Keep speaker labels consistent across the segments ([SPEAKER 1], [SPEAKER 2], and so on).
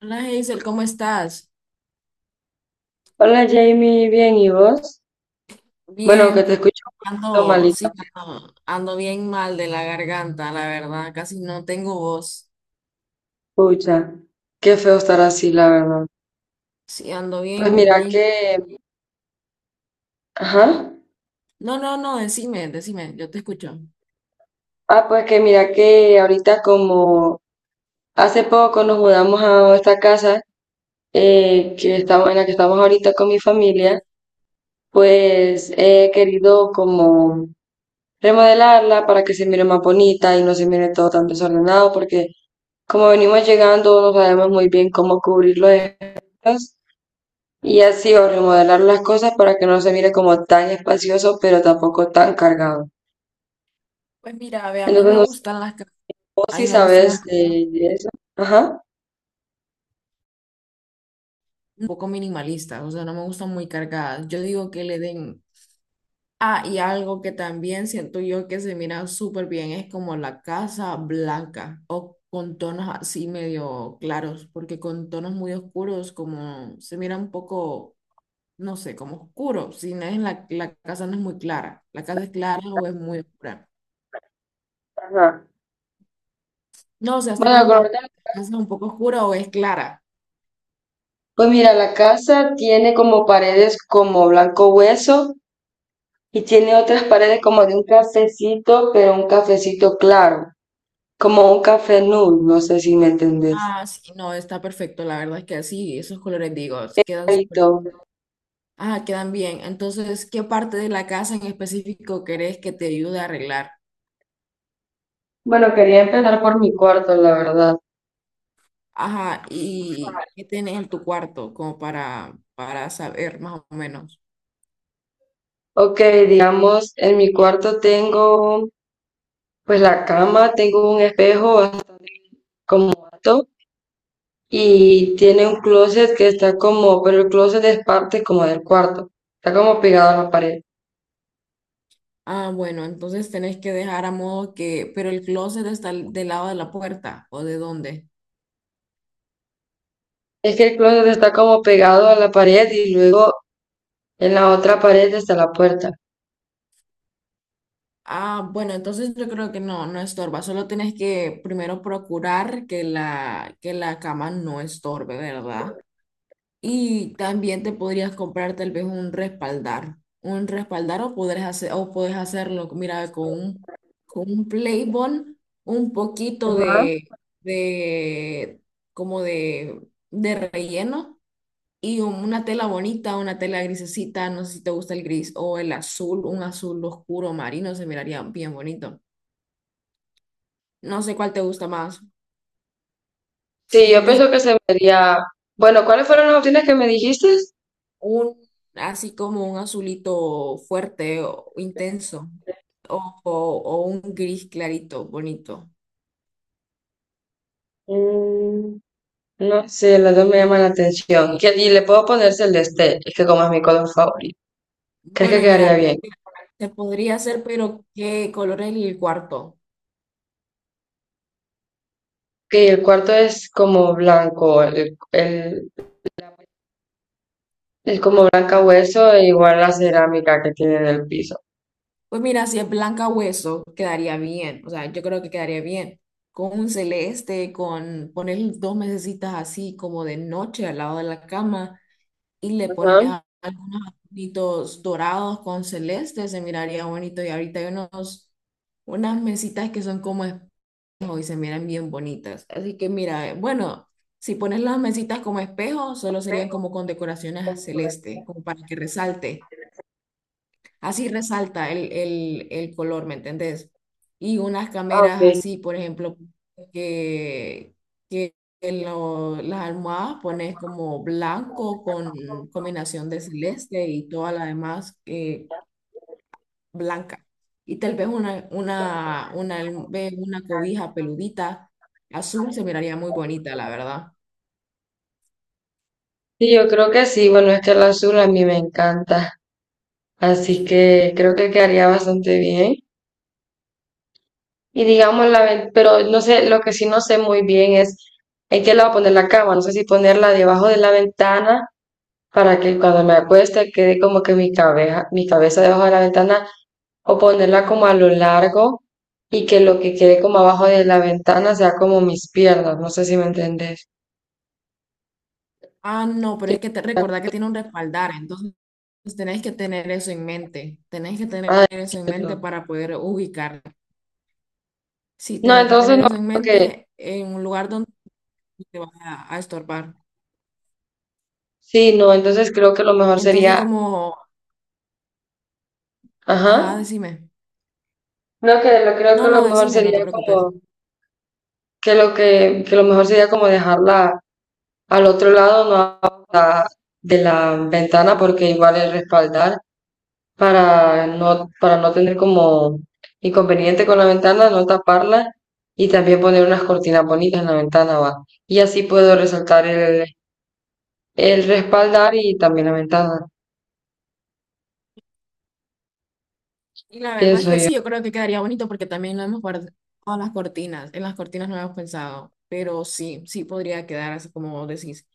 [SPEAKER 1] Hola Hazel, ¿cómo estás?
[SPEAKER 2] Hola Jamie, bien, ¿y vos? Bueno, que
[SPEAKER 1] Bien,
[SPEAKER 2] te escucho un poquito
[SPEAKER 1] ando,
[SPEAKER 2] malita,
[SPEAKER 1] sí, ando bien mal de la garganta, la verdad, casi no tengo voz.
[SPEAKER 2] pucha. Qué feo estar así, la verdad.
[SPEAKER 1] Sí, ando
[SPEAKER 2] Pues
[SPEAKER 1] bien,
[SPEAKER 2] mira que,
[SPEAKER 1] bien.
[SPEAKER 2] ajá.
[SPEAKER 1] No, no, no, decime, decime, yo te escucho.
[SPEAKER 2] Ah, pues que mira que ahorita como hace poco nos mudamos a esta casa, que estamos, en la que estamos ahorita con mi familia, pues he querido como remodelarla para que se mire más bonita y no se mire todo tan desordenado porque como venimos llegando no sabemos muy bien cómo cubrir los espacios y así, o remodelar las cosas para que no se mire como tan espacioso, pero tampoco tan cargado.
[SPEAKER 1] Pues mira, ve, a mí
[SPEAKER 2] Entonces,
[SPEAKER 1] me
[SPEAKER 2] no sé
[SPEAKER 1] gustan
[SPEAKER 2] vos
[SPEAKER 1] a
[SPEAKER 2] si
[SPEAKER 1] mí me gustan
[SPEAKER 2] sabes
[SPEAKER 1] las cosas
[SPEAKER 2] de eso. Ajá.
[SPEAKER 1] un poco minimalistas, o sea, no me gustan muy cargadas. Yo digo que le den. Ah, y algo que también siento yo que se mira súper bien es como la casa blanca o con tonos así medio claros, porque con tonos muy oscuros como se mira un poco, no sé, como oscuro, si no es la casa no es muy clara, la casa es clara o es muy oscura.
[SPEAKER 2] Ajá.
[SPEAKER 1] No, o sea, estoy
[SPEAKER 2] Bueno, la color,
[SPEAKER 1] preguntando, ¿la casa es un poco oscura o es clara?
[SPEAKER 2] pues mira, la casa tiene como paredes como blanco hueso y tiene otras paredes como de un cafecito, pero un cafecito claro, como un café nude, no sé si me entendés.
[SPEAKER 1] Ah, sí, no, está perfecto, la verdad es que sí, esos colores digo, quedan súper.
[SPEAKER 2] Clarito.
[SPEAKER 1] Ah, quedan bien. Entonces, ¿qué parte de la casa en específico crees que te ayude a arreglar?
[SPEAKER 2] Bueno, quería empezar por mi cuarto, la verdad.
[SPEAKER 1] Ajá, ¿y qué tenés en tu cuarto como para saber más o menos?
[SPEAKER 2] Ok, digamos, en mi cuarto tengo pues la cama, tengo un espejo bastante como alto y tiene un closet que está como, pero el closet es parte como del cuarto, está como pegado a la pared.
[SPEAKER 1] Ah, bueno, entonces tenés que dejar a modo que, pero el closet del lado de la puerta o de dónde.
[SPEAKER 2] Es que el closet está como pegado a la pared y luego en la otra pared está la puerta.
[SPEAKER 1] Ah, bueno, entonces yo creo que no, no estorba, solo tenés que primero procurar que que la cama no estorbe, ¿verdad? Y también te podrías comprar tal vez un respaldar. Un respaldar o podrías hacer, o puedes hacerlo, mira, con un Playbond, un poquito
[SPEAKER 2] Ajá.
[SPEAKER 1] de de relleno y una tela bonita, una tela grisecita, no sé si te gusta el gris o el azul, un azul oscuro marino, se miraría bien bonito. No sé cuál te gusta más. Si
[SPEAKER 2] Sí,
[SPEAKER 1] un
[SPEAKER 2] yo
[SPEAKER 1] gris
[SPEAKER 2] pienso que se vería... Bueno, ¿cuáles fueron las opciones que me dijiste?
[SPEAKER 1] un así como un azulito fuerte o intenso o un gris clarito bonito.
[SPEAKER 2] Mm, no sé, las dos me llaman la atención. Que- y le puedo poner celeste, es que como es mi color favorito. ¿Crees que
[SPEAKER 1] Bueno, mira,
[SPEAKER 2] quedaría bien?
[SPEAKER 1] se podría hacer, pero ¿qué color es el cuarto?
[SPEAKER 2] Que el cuarto es como blanco, el- es como blanca hueso, e igual la cerámica que tiene en el piso.
[SPEAKER 1] Pues mira, si es blanca hueso, quedaría bien. O sea, yo creo que quedaría bien. Con un celeste, con poner dos mesecitas así como de noche al lado de la cama y le pones
[SPEAKER 2] Ajá.
[SPEAKER 1] algunos adornitos dorados con celeste, se miraría bonito. Y ahorita hay unos, unas mesitas que son como espejo y se miran bien bonitas. Así que mira, bueno, si pones las mesitas como espejo, solo serían como con decoraciones celeste, como para que resalte. Así resalta el color, ¿me entendés? Y unas
[SPEAKER 2] Ah, ok.
[SPEAKER 1] cameras así, por ejemplo, que, que en las almohadas pones como blanco con combinación de celeste y toda la demás blanca. Y tal vez una, ve una cobija peludita azul se miraría muy bonita, la verdad.
[SPEAKER 2] Sí, yo creo que sí. Bueno, es que el azul a mí me encanta, así que creo que quedaría bastante bien. Y digamos, la, ven- pero no sé, lo que sí no sé muy bien es en qué lado poner la cama. No sé si ponerla debajo de la ventana para que cuando me acueste quede como que mi cabeza debajo de la ventana, o ponerla como a lo largo y que lo que quede como abajo de la ventana sea como mis piernas. No sé si me entendés.
[SPEAKER 1] Ah, no, pero
[SPEAKER 2] Sí,
[SPEAKER 1] es que te recordá que tiene un respaldar, entonces tenés que tener eso en mente, tenés que tener
[SPEAKER 2] ah,
[SPEAKER 1] eso en mente
[SPEAKER 2] entiendo.
[SPEAKER 1] para poder ubicar. Sí,
[SPEAKER 2] No,
[SPEAKER 1] tenés que
[SPEAKER 2] entonces
[SPEAKER 1] tener
[SPEAKER 2] no
[SPEAKER 1] eso en
[SPEAKER 2] creo que,
[SPEAKER 1] mente en un lugar donde no te vas a estorbar.
[SPEAKER 2] sí, no, entonces creo que lo mejor
[SPEAKER 1] Entonces,
[SPEAKER 2] sería,
[SPEAKER 1] como, ajá,
[SPEAKER 2] ajá,
[SPEAKER 1] decime.
[SPEAKER 2] no, que lo creo
[SPEAKER 1] No,
[SPEAKER 2] que
[SPEAKER 1] no,
[SPEAKER 2] lo mejor
[SPEAKER 1] decime, no te
[SPEAKER 2] sería
[SPEAKER 1] preocupes.
[SPEAKER 2] como, que lo mejor sería como dejarla al otro lado, no abajo la- de la ventana porque igual es respaldar, para no tener como inconveniente con la ventana, no taparla, y también poner unas cortinas bonitas en la ventana va. Y así puedo resaltar el respaldar y también la ventana,
[SPEAKER 1] Y la verdad es
[SPEAKER 2] pienso
[SPEAKER 1] que
[SPEAKER 2] yo.
[SPEAKER 1] sí, yo creo que quedaría bonito porque también lo hemos guardado en las cortinas. En las cortinas no hemos pensado, pero sí, sí podría quedar así como vos decís.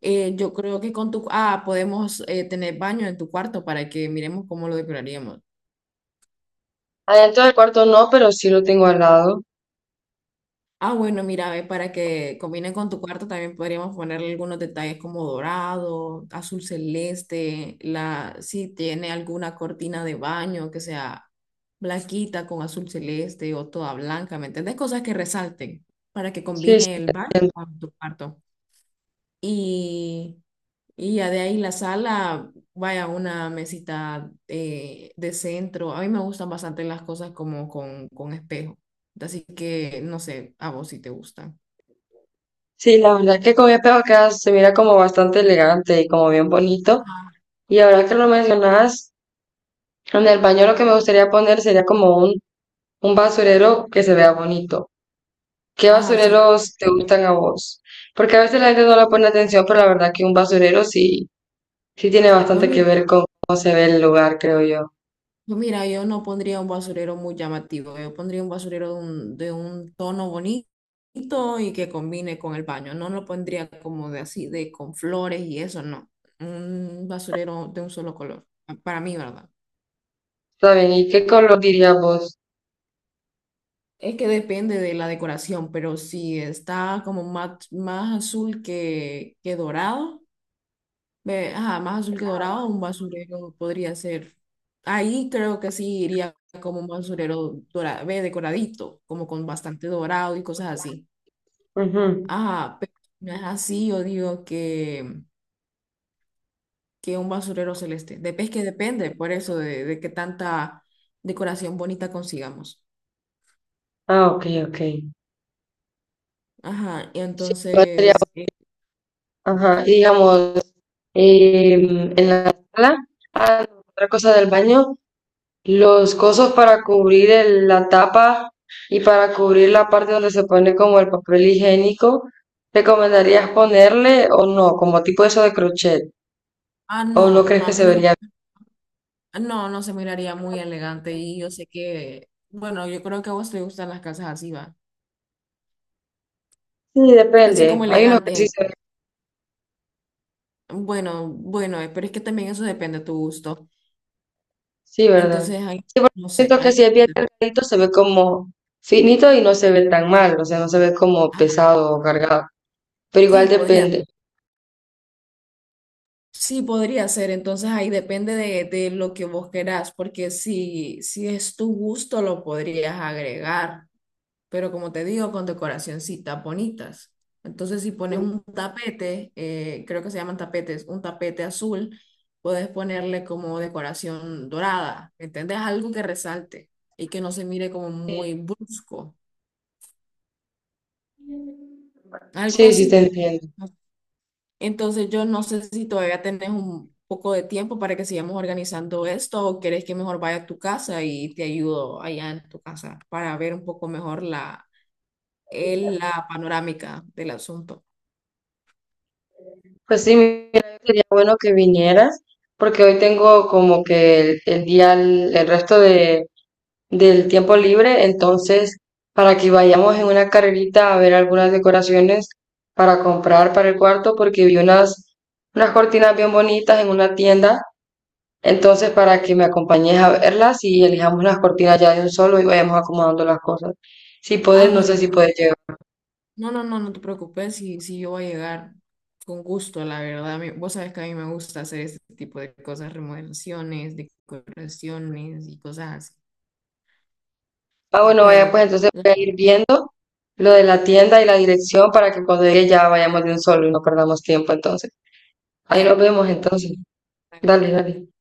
[SPEAKER 1] Yo creo que con tu… Ah, podemos tener baño en tu cuarto para que miremos cómo lo decoraríamos.
[SPEAKER 2] Adentro del cuarto no, pero sí lo tengo al lado.
[SPEAKER 1] Ah, bueno, mira, ve, para que combine con tu cuarto también podríamos ponerle algunos detalles como dorado, azul celeste, la, si tiene alguna cortina de baño que sea blanquita con azul celeste o toda blanca, ¿me entiendes? Cosas que resalten para que
[SPEAKER 2] Sí, sí,
[SPEAKER 1] combine el baño con tu cuarto. Y, y ya de ahí la sala, vaya una mesita de centro. A mí me gustan bastante las cosas como con espejo. Así que no sé, a vos si te gustan.
[SPEAKER 2] sí, la verdad es que con mi espejo queda, se mira como bastante elegante y como bien bonito. Y ahora que lo mencionas, en el baño lo que me gustaría poner sería como un basurero que se vea bonito. ¿Qué
[SPEAKER 1] Ajá, sí.
[SPEAKER 2] basureros te gustan a vos? Porque a veces la gente no le pone atención, pero la verdad que un basurero sí, sí tiene
[SPEAKER 1] Pues
[SPEAKER 2] bastante que
[SPEAKER 1] mira,
[SPEAKER 2] ver con cómo se ve el lugar, creo yo.
[SPEAKER 1] pues mira, yo no pondría un basurero muy llamativo. Yo pondría un basurero de un tono bonito y que combine con el baño. No lo pondría como de así, de con flores y eso, no. Un basurero de un solo color. Para mí, ¿verdad?
[SPEAKER 2] Está bien, ¿y qué color dirías vos?
[SPEAKER 1] Es que depende de la decoración, pero si está como más azul que dorado. Ve, ajá, más azul que dorado, un basurero podría ser. Ahí creo que sí iría como un basurero dorado, ve, decoradito, como con bastante dorado y cosas así.
[SPEAKER 2] Ujú.
[SPEAKER 1] Ajá, pero si no es así, yo digo que un basurero celeste. De es que depende, por eso, de qué tanta decoración bonita consigamos.
[SPEAKER 2] Ah, ok, ok.
[SPEAKER 1] Ajá, y
[SPEAKER 2] Sí, ¿cuál sería?
[SPEAKER 1] entonces,
[SPEAKER 2] Ajá, y digamos, en la sala, ah, no, otra cosa del baño, los cosos para cubrir el- la tapa y para cubrir la parte donde se pone como el papel higiénico, ¿recomendarías ponerle o no? Como tipo eso de crochet.
[SPEAKER 1] ah,
[SPEAKER 2] ¿O
[SPEAKER 1] no,
[SPEAKER 2] no crees
[SPEAKER 1] no, a
[SPEAKER 2] que
[SPEAKER 1] mí
[SPEAKER 2] se
[SPEAKER 1] no,
[SPEAKER 2] vería
[SPEAKER 1] no, no se miraría muy elegante y yo sé que, bueno, yo creo que a vos te gustan las casas así, va
[SPEAKER 2] bien? Sí,
[SPEAKER 1] así
[SPEAKER 2] depende.
[SPEAKER 1] como
[SPEAKER 2] Hay unos que sí
[SPEAKER 1] elegantes.
[SPEAKER 2] se ven.
[SPEAKER 1] Bueno, bueno, pero es que también eso depende de tu gusto.
[SPEAKER 2] Sí, ¿verdad?
[SPEAKER 1] Entonces, ahí,
[SPEAKER 2] Sí, porque
[SPEAKER 1] no sé,
[SPEAKER 2] siento que
[SPEAKER 1] ahí
[SPEAKER 2] si es bien
[SPEAKER 1] depende.
[SPEAKER 2] delgadito se ve como finito y no se ve tan mal. O sea, no se ve como
[SPEAKER 1] Ajá,
[SPEAKER 2] pesado o cargado. Pero
[SPEAKER 1] sí,
[SPEAKER 2] igual
[SPEAKER 1] podría,
[SPEAKER 2] depende.
[SPEAKER 1] sí, podría ser. Entonces, ahí depende de lo que vos querás, porque si, si es tu gusto, lo podrías agregar. Pero como te digo, con decoracioncitas bonitas. Entonces, si pones un tapete, creo que se llaman tapetes, un tapete azul, puedes ponerle como decoración dorada, ¿entendés? Algo que resalte y que no se mire como muy brusco. Algo
[SPEAKER 2] Sí, sí,
[SPEAKER 1] así
[SPEAKER 2] te
[SPEAKER 1] te digo.
[SPEAKER 2] entiendo.
[SPEAKER 1] Entonces yo no sé si todavía tenés un poco de tiempo para que sigamos organizando esto o querés que mejor vaya a tu casa y te ayudo allá en tu casa para ver un poco mejor la, la panorámica del asunto.
[SPEAKER 2] Pues sí, mira, sería bueno que vinieras, porque hoy tengo como que el día, el resto de, del tiempo libre, entonces, para que vayamos en una carrerita a ver algunas decoraciones para comprar para el cuarto, porque vi unas, unas cortinas bien bonitas en una tienda, entonces, para que me acompañes a verlas y elijamos las cortinas ya de un solo y vayamos acomodando las cosas. Si
[SPEAKER 1] Ah,
[SPEAKER 2] puedes, no sé si
[SPEAKER 1] bueno,
[SPEAKER 2] puedes llegar.
[SPEAKER 1] no, no, no, no te preocupes si, si yo voy a llegar con gusto, la verdad. Mi- Vos sabés que a mí me gusta hacer este tipo de cosas, remodelaciones, decoraciones y cosas así.
[SPEAKER 2] Ah, bueno, vaya, pues
[SPEAKER 1] Bueno,
[SPEAKER 2] entonces
[SPEAKER 1] la-
[SPEAKER 2] voy a ir viendo lo de
[SPEAKER 1] ah,
[SPEAKER 2] la tienda y la dirección para que cuando llegue ya vayamos de un solo y no perdamos tiempo entonces. Ahí nos
[SPEAKER 1] dale pues,
[SPEAKER 2] vemos entonces.
[SPEAKER 1] dale,
[SPEAKER 2] Dale, dale.
[SPEAKER 1] adiós.